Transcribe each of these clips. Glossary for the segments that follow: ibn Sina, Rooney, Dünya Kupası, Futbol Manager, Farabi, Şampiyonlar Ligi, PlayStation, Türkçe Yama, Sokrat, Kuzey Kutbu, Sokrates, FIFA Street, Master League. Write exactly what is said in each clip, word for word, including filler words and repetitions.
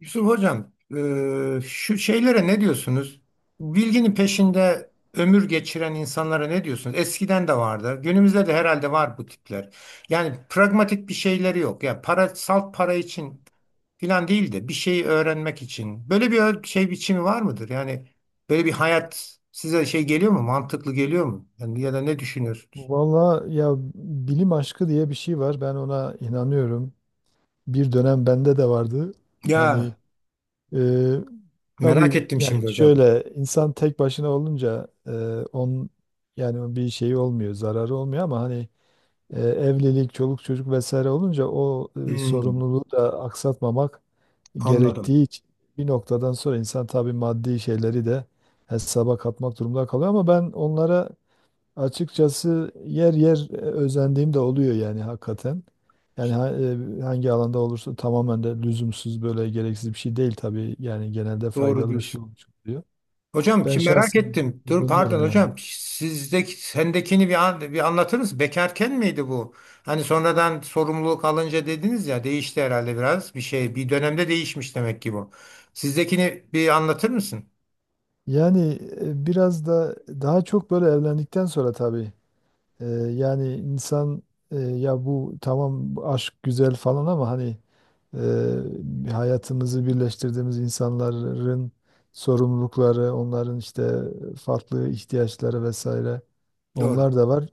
Yusuf Hocam, e, şu şeylere ne diyorsunuz? Bilginin peşinde ömür geçiren insanlara ne diyorsunuz? Eskiden de vardı. Günümüzde de herhalde var bu tipler. Yani pragmatik bir şeyleri yok. Ya para, salt para için filan değil de bir şeyi öğrenmek için. Böyle bir ö- şey biçimi var mıdır? Yani böyle bir hayat size şey geliyor mu? Mantıklı geliyor mu? Yani ya da ne düşünüyorsunuz? Valla ya bilim aşkı diye bir şey var. Ben ona inanıyorum. Bir dönem bende de vardı. Hani, Ya, e, tabii merak ettim yani şimdi hocam. şöyle insan tek başına olunca, e, on yani bir şey olmuyor, zararı olmuyor ama hani, e, evlilik, çoluk çocuk vesaire olunca o, e, Hmm, sorumluluğu da aksatmamak anladım. gerektiği için bir noktadan sonra insan tabii maddi şeyleri de hesaba katmak durumunda kalıyor, ama ben onlara açıkçası yer yer, e, özendiğim de oluyor yani hakikaten. Yani ha- e, hangi alanda olursa tamamen de lüzumsuz, böyle gereksiz bir şey değil tabii. Yani genelde Doğru faydalı bir şey diyorsun. olmuş oluyor. Hocam Ben şimdi merak şahsen ettim. Dur pardon özeniyorum yani. hocam. Sizdeki sendekini bir, an, bir anlatır mısın? Bekarken miydi bu? Hani sonradan sorumluluk alınca dediniz ya değişti herhalde biraz bir şey. Bir dönemde değişmiş demek ki bu. Sizdekini bir anlatır mısın? Yani e, biraz da daha çok böyle evlendikten sonra tabii. Ee, yani insan, e, ya bu tamam, bu aşk güzel falan, ama hani, e, hayatımızı birleştirdiğimiz insanların sorumlulukları, onların işte farklı ihtiyaçları vesaire, Doğru. onlar da var.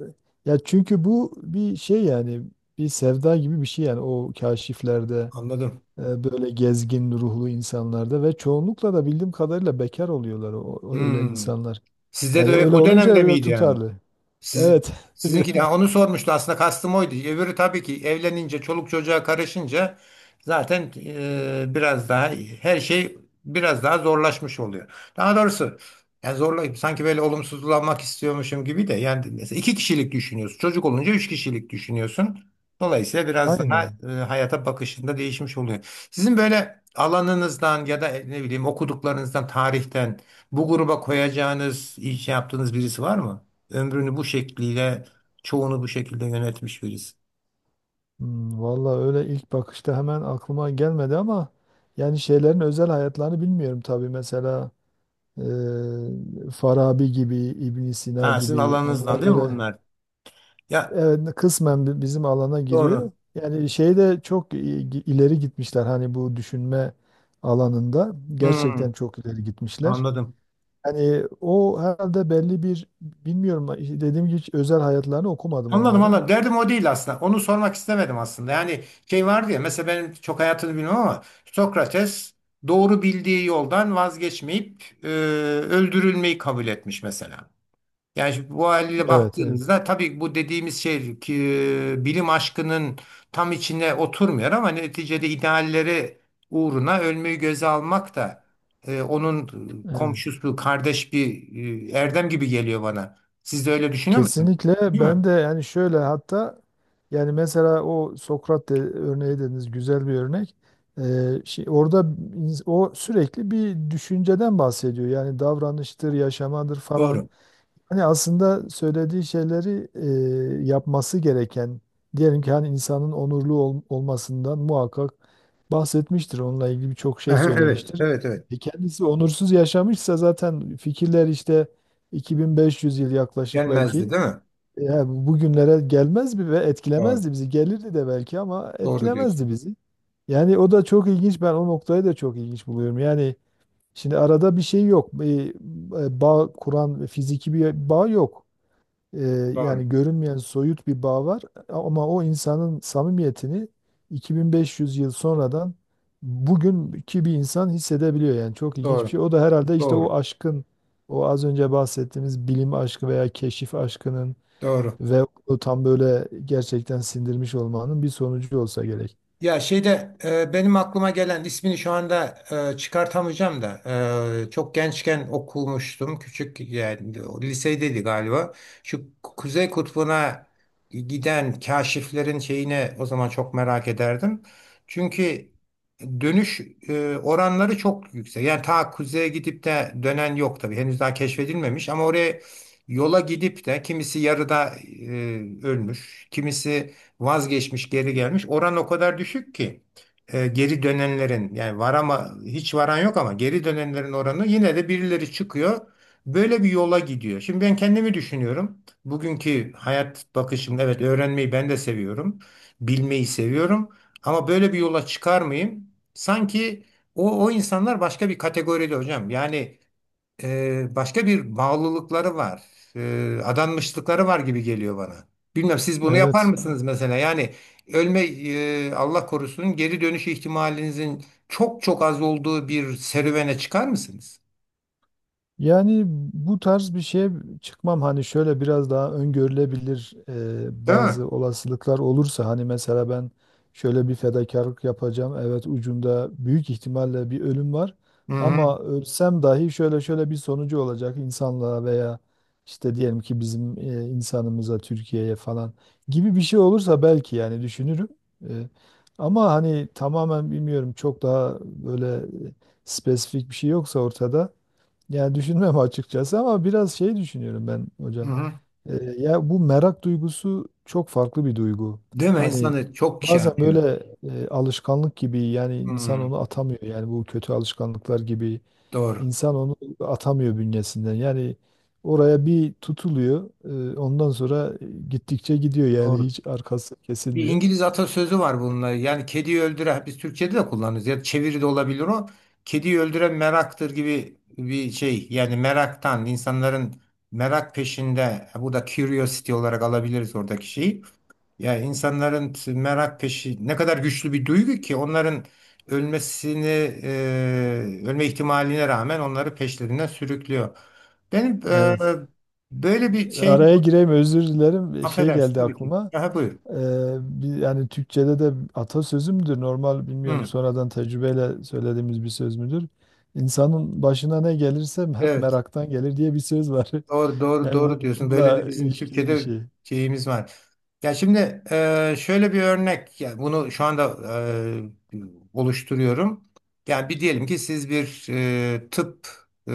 Ya çünkü bu bir şey, yani bir sevda gibi bir şey yani. O kaşiflerde, Anladım. e, böyle gezgin ruhlu insanlarda, ve çoğunlukla da bildiğim kadarıyla bekar oluyorlar o, o- öyle Hmm. insanlar. Sizde Yani de öyle o olunca dönemde biraz miydi yani? tutarlı. Siz, Evet, biraz. sizinki de onu sormuştu, aslında kastım oydu. Öbürü tabii ki evlenince çoluk çocuğa karışınca zaten e, biraz daha her şey biraz daha zorlaşmış oluyor. Daha doğrusu yani zorlayıp sanki böyle olumsuzlanmak istiyormuşum gibi de yani mesela iki kişilik düşünüyorsun. Çocuk olunca üç kişilik düşünüyorsun. Dolayısıyla biraz daha Aynen. e, hayata bakışında değişmiş oluyor. Sizin böyle alanınızdan ya da ne bileyim okuduklarınızdan, tarihten bu gruba koyacağınız, iş yaptığınız birisi var mı? Ömrünü bu şekliyle, çoğunu bu şekilde yönetmiş birisi. Hmm, vallahi öyle ilk bakışta hemen aklıma gelmedi, ama yani şeylerin özel hayatlarını bilmiyorum tabii. Mesela e, Farabi gibi, ibn Sina Ha, sizin gibi, alanınızdan onlar değil mi böyle, bunlar? Ya evet, kısmen bi- bizim alana doğru. giriyor. Yani şeyde çok i- ileri gitmişler, hani bu düşünme alanında Hmm, gerçekten çok ileri gitmişler. anladım. Hani o herhalde belli bir, bilmiyorum, dediğim gibi hiç özel hayatlarını okumadım Anladım, onların. anladım. Derdim o değil aslında. Onu sormak istemedim aslında. Yani şey vardı ya, mesela benim çok hayatını bilmem ama Sokrates doğru bildiği yoldan vazgeçmeyip e, öldürülmeyi kabul etmiş mesela. Yani şimdi bu haliyle Evet, evet. baktığımızda tabii bu dediğimiz şey ki e, bilim aşkının tam içine oturmuyor ama neticede idealleri uğruna ölmeyi göze almak da e, onun e, Evet. komşusu, kardeş bir e, erdem gibi geliyor bana. Siz de öyle düşünüyor musunuz? Kesinlikle Değil mi? ben de, yani şöyle, hatta yani mesela o Sokrat de, örneği dediniz, güzel bir örnek. Ee, şey, orada ins- o sürekli bir düşünceden bahsediyor. Yani davranıştır, yaşamadır falan. Doğru. Hani aslında söylediği şeyleri, e, yapması gereken, diyelim ki, hani insanın onurlu ol- olmasından muhakkak bahsetmiştir. Onunla ilgili birçok şey Aha, evet, söylemiştir. evet, evet. E kendisi onursuz yaşamışsa zaten fikirler işte iki bin beş yüz yıl yaklaşık, Gelmezdi, belki değil mi? ya bugünlere gelmez mi ve Doğru. etkilemezdi bizi. Gelirdi de belki, ama Doğru diyorsun. etkilemezdi bizi. Yani o da çok ilginç. Ben o noktayı da çok ilginç buluyorum. Yani şimdi arada bir şey yok. Bir, e, bağ kuran fiziki bir bağ yok. E, Doğru. yani görünmeyen soyut bir bağ var. Ama o insanın samimiyetini iki bin beş yüz yıl sonradan bugünkü bir insan hissedebiliyor. Yani çok ilginç bir Doğru. şey. O da herhalde işte o Doğru. aşkın, o az önce bahsettiğimiz bilim aşkı veya keşif aşkının Doğru. ve onu tam böyle gerçekten sindirmiş olmanın bir sonucu olsa gerek. Ya şeyde e, benim aklıma gelen ismini şu anda e, çıkartamayacağım da e, çok gençken okumuştum. Küçük, yani o lisedeydi galiba. Şu Kuzey Kutbu'na giden kaşiflerin şeyine o zaman çok merak ederdim. Çünkü dönüş e, oranları çok yüksek. Yani ta kuzeye gidip de dönen yok tabii. Henüz daha keşfedilmemiş ama oraya yola gidip de kimisi yarıda e, ölmüş, kimisi vazgeçmiş geri gelmiş. Oran o kadar düşük ki e, geri dönenlerin, yani var ama hiç varan yok, ama geri dönenlerin oranı yine de birileri çıkıyor. Böyle bir yola gidiyor. Şimdi ben kendimi düşünüyorum. Bugünkü hayat bakışım, evet, öğrenmeyi ben de seviyorum. Bilmeyi seviyorum. Ama böyle bir yola çıkar mıyım? Sanki o, o insanlar başka bir kategoride hocam. Yani e, başka bir bağlılıkları var. E, adanmışlıkları var gibi geliyor bana. Bilmem siz bunu yapar Evet. mısınız mesela? Yani ölme, e, Allah korusun, geri dönüş ihtimalinizin çok çok az olduğu bir serüvene çıkar mısınız? Yani bu tarz bir şeye çıkmam, hani şöyle biraz daha öngörülebilir, e, Değil mi? bazı olasılıklar olursa. Hani mesela ben şöyle bir fedakarlık yapacağım. Evet, ucunda büyük ihtimalle bir ölüm var Hı hı. ama ölsem dahi şöyle şöyle bir sonucu olacak insanlığa veya işte diyelim ki bizim, e, insanımıza, Türkiye'ye falan, gibi bir şey olursa belki yani düşünürüm. E, ama hani, tamamen bilmiyorum, çok daha böyle spesifik bir şey yoksa ortada, yani düşünmem açıkçası, ama biraz şey düşünüyorum ben Hı hocam. hı. Ee, ya bu merak duygusu çok farklı bir duygu. Değil mi? Hani İnsanı çok şey bazen yapıyor. böyle, e, alışkanlık gibi, yani insan Hı, onu atamıyor. Yani bu kötü alışkanlıklar gibi doğru. insan onu atamıyor bünyesinden. Yani oraya bir tutuluyor, e, ondan sonra gittikçe gidiyor yani, Doğru. hiç arkası Bir kesilmiyor. İngiliz atasözü var bununla. Yani kediyi öldüren, biz Türkçe'de de kullanırız. Ya çeviri de olabilir o. Kediyi öldüren meraktır gibi bir şey. Yani meraktan insanların merak peşinde, bu da curiosity olarak alabiliriz oradaki şeyi. Ya insanların t- merak peşi ne kadar güçlü bir duygu ki onların ölmesini, e, ölme ihtimaline rağmen onları peşlerinden sürüklüyor. Benim e, Evet. böyle bir şey. Araya gireyim, özür dilerim. Şey Affedersin geldi tabii ki. aklıma. Aha buyur. Ee, bir- yani Türkçe'de de atasözü müdür? Normal bilmiyorum, Hı, sonradan tecrübeyle söylediğimiz bir söz müdür? İnsanın başına ne gelirse hep evet. meraktan gelir diye bir söz var. Doğru, doğru, Yani biraz doğru diyorsun. Böyle de bununla bizim ilişkili bir Türkiye'de şey. şeyimiz var. Ya şimdi e, şöyle bir örnek, ya bunu şu anda e, oluşturuyorum. Yani bir diyelim ki siz bir e, tıp e,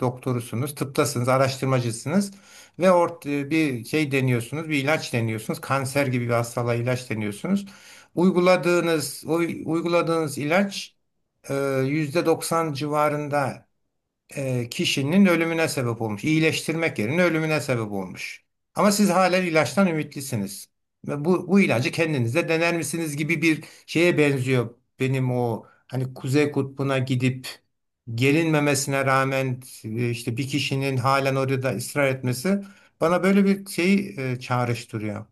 doktorusunuz, tıptasınız, araştırmacısınız ve ort e, bir şey deniyorsunuz, bir ilaç deniyorsunuz, kanser gibi bir hastalığa ilaç deniyorsunuz. Uyguladığınız, o uyguladığınız ilaç e, yüzde doksan civarında e, kişinin ölümüne sebep olmuş. İyileştirmek yerine ölümüne sebep olmuş. Ama siz hala ilaçtan ümitlisiniz. Ve bu, bu ilacı kendinize dener misiniz gibi bir şeye benziyor. Benim o hani Kuzey Kutbu'na gidip gelinmemesine rağmen e, işte bir kişinin halen orada ısrar etmesi bana böyle bir şeyi e, çağrıştırıyor.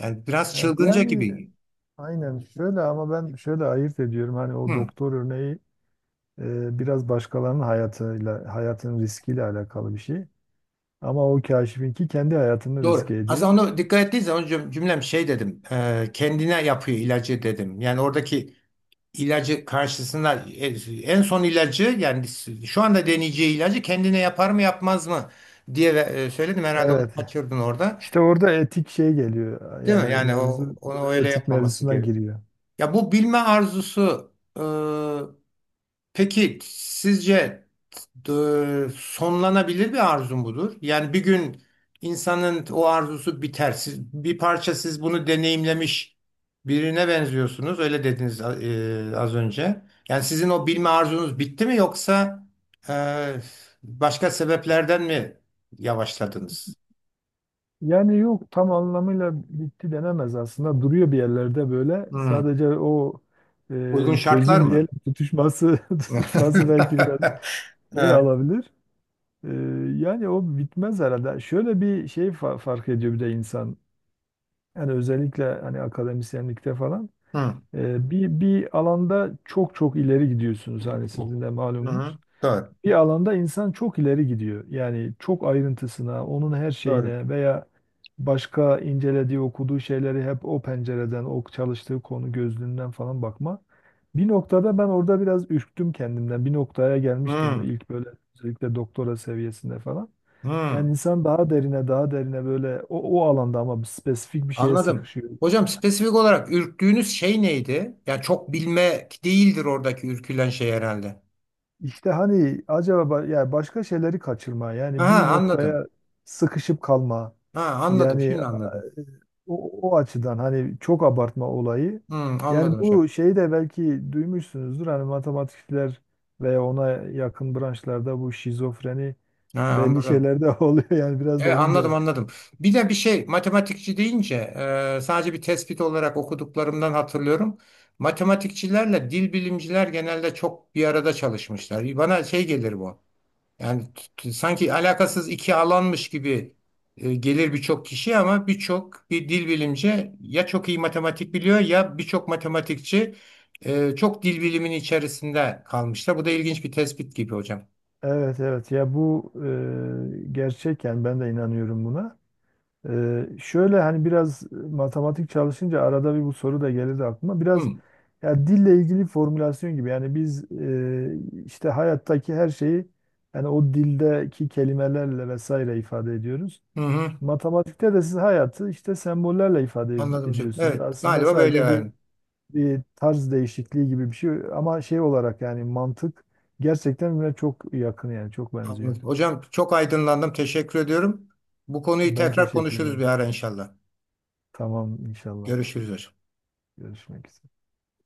Yani biraz Evet, çılgınca yani gibi. aynen şöyle ama ben şöyle ayırt ediyorum. Hani o Hı, doktor örneği, e, biraz başkalarının hayatıyla, hayatın riskiyle alakalı bir şey. Ama o kaşifinki kendi hayatını doğru. riske ediyor. Aslında onu dikkat ettiğiniz zaman cüm- cümlem şey dedim. E, kendine yapıyor ilacı dedim. Yani oradaki ilacı karşısında e, en son ilacı, yani şu anda deneyeceği ilacı kendine yapar mı yapmaz mı diye e, söyledim, herhalde onu Evet. kaçırdın orada, İşte orada etik şey geliyor. değil mi? Yani Yani o mevzu onu öyle etik yapmaması mevzusuna gerekiyor. giriyor. Ya bu bilme arzusu. Peki sizce d- sonlanabilir bir arzu mudur? Yani bir gün insanın o arzusu biter. Siz, bir parça siz bunu deneyimlemiş birine benziyorsunuz. Öyle dediniz e, az önce. Yani sizin o bilme arzunuz bitti mi, yoksa e, başka sebeplerden mi yavaşladınız? Yani yok, tam anlamıyla bitti denemez aslında. Duruyor bir yerlerde böyle. Hmm. Sadece o, Uygun e, şartlar közün mı? diyelim tutuşması tutuşması belki biraz. Ne Evet. alabilir? Ee, yani o bitmez herhalde. Şöyle bir şey fa- fark ediyor bir de insan. Yani özellikle hani akademisyenlikte falan. Hı. Ee, bir, bir alanda çok çok ileri gidiyorsunuz. Hani sizin de malumunuz, Hı. Doğru. bir alanda insan çok ileri gidiyor. Yani çok ayrıntısına, onun her Doğru. şeyine veya başka incelediği, okuduğu şeyleri hep o pencereden, o çalıştığı konu gözlüğünden falan bakma. Bir noktada ben orada biraz ürktüm kendimden. Bir noktaya gelmiştim Hı. ilk böyle, özellikle doktora seviyesinde falan. Hı. Yani insan daha derine, daha derine böyle o, o alanda ama bir spesifik bir şeye Anladım. sıkışıyor. Hocam, spesifik olarak ürktüğünüz şey neydi? Yani çok bilmek değildir oradaki ürkülen şey herhalde. İşte hani acaba ba- yani başka şeyleri kaçırma, Ha, yani bir anladım. noktaya sıkışıp kalma, Ha, anladım. yani e, Şimdi anladım. o, o açıdan, hani çok abartma olayı, Hı, yani anladım hocam. bu şeyi de belki duymuşsunuzdur, hani matematikçiler veya ona yakın branşlarda bu şizofreni Ha, belli anladım. şeylerde oluyor, yani biraz da Evet, onun da anladım, etkisi. anladım. Bir de bir şey, matematikçi deyince e, sadece bir tespit olarak okuduklarımdan hatırlıyorum. Matematikçilerle dil bilimciler genelde çok bir arada çalışmışlar. Bana şey gelir bu. Yani t- sanki alakasız iki alanmış gibi e, gelir birçok kişi ama birçok bir dil bilimci ya çok iyi matematik biliyor ya birçok matematikçi e, çok dil bilimin içerisinde kalmışlar. Bu da ilginç bir tespit gibi hocam. Evet evet, ya bu e, gerçek yani ben de inanıyorum buna. E, şöyle hani biraz matematik çalışınca arada bir bu soru da gelirdi aklıma. Biraz Hı, ya dille ilgili formülasyon gibi, yani biz e, işte hayattaki her şeyi yani o dildeki kelimelerle vesaire ifade ediyoruz. hı, hı. Matematikte de siz hayatı işte sembollerle ifade Anladım ed- hocam. ediyorsunuz. Evet, Aslında galiba böyle sadece bir, yani. bir tarz değişikliği gibi bir şey, ama şey olarak yani mantık gerçekten birbirine çok yakın, yani çok benziyor. Anladım. Hocam, çok aydınlandım. Teşekkür ediyorum. Bu konuyu Ben tekrar teşekkür konuşuruz bir ederim. ara inşallah. Tamam inşallah. Görüşürüz hocam. Görüşmek üzere.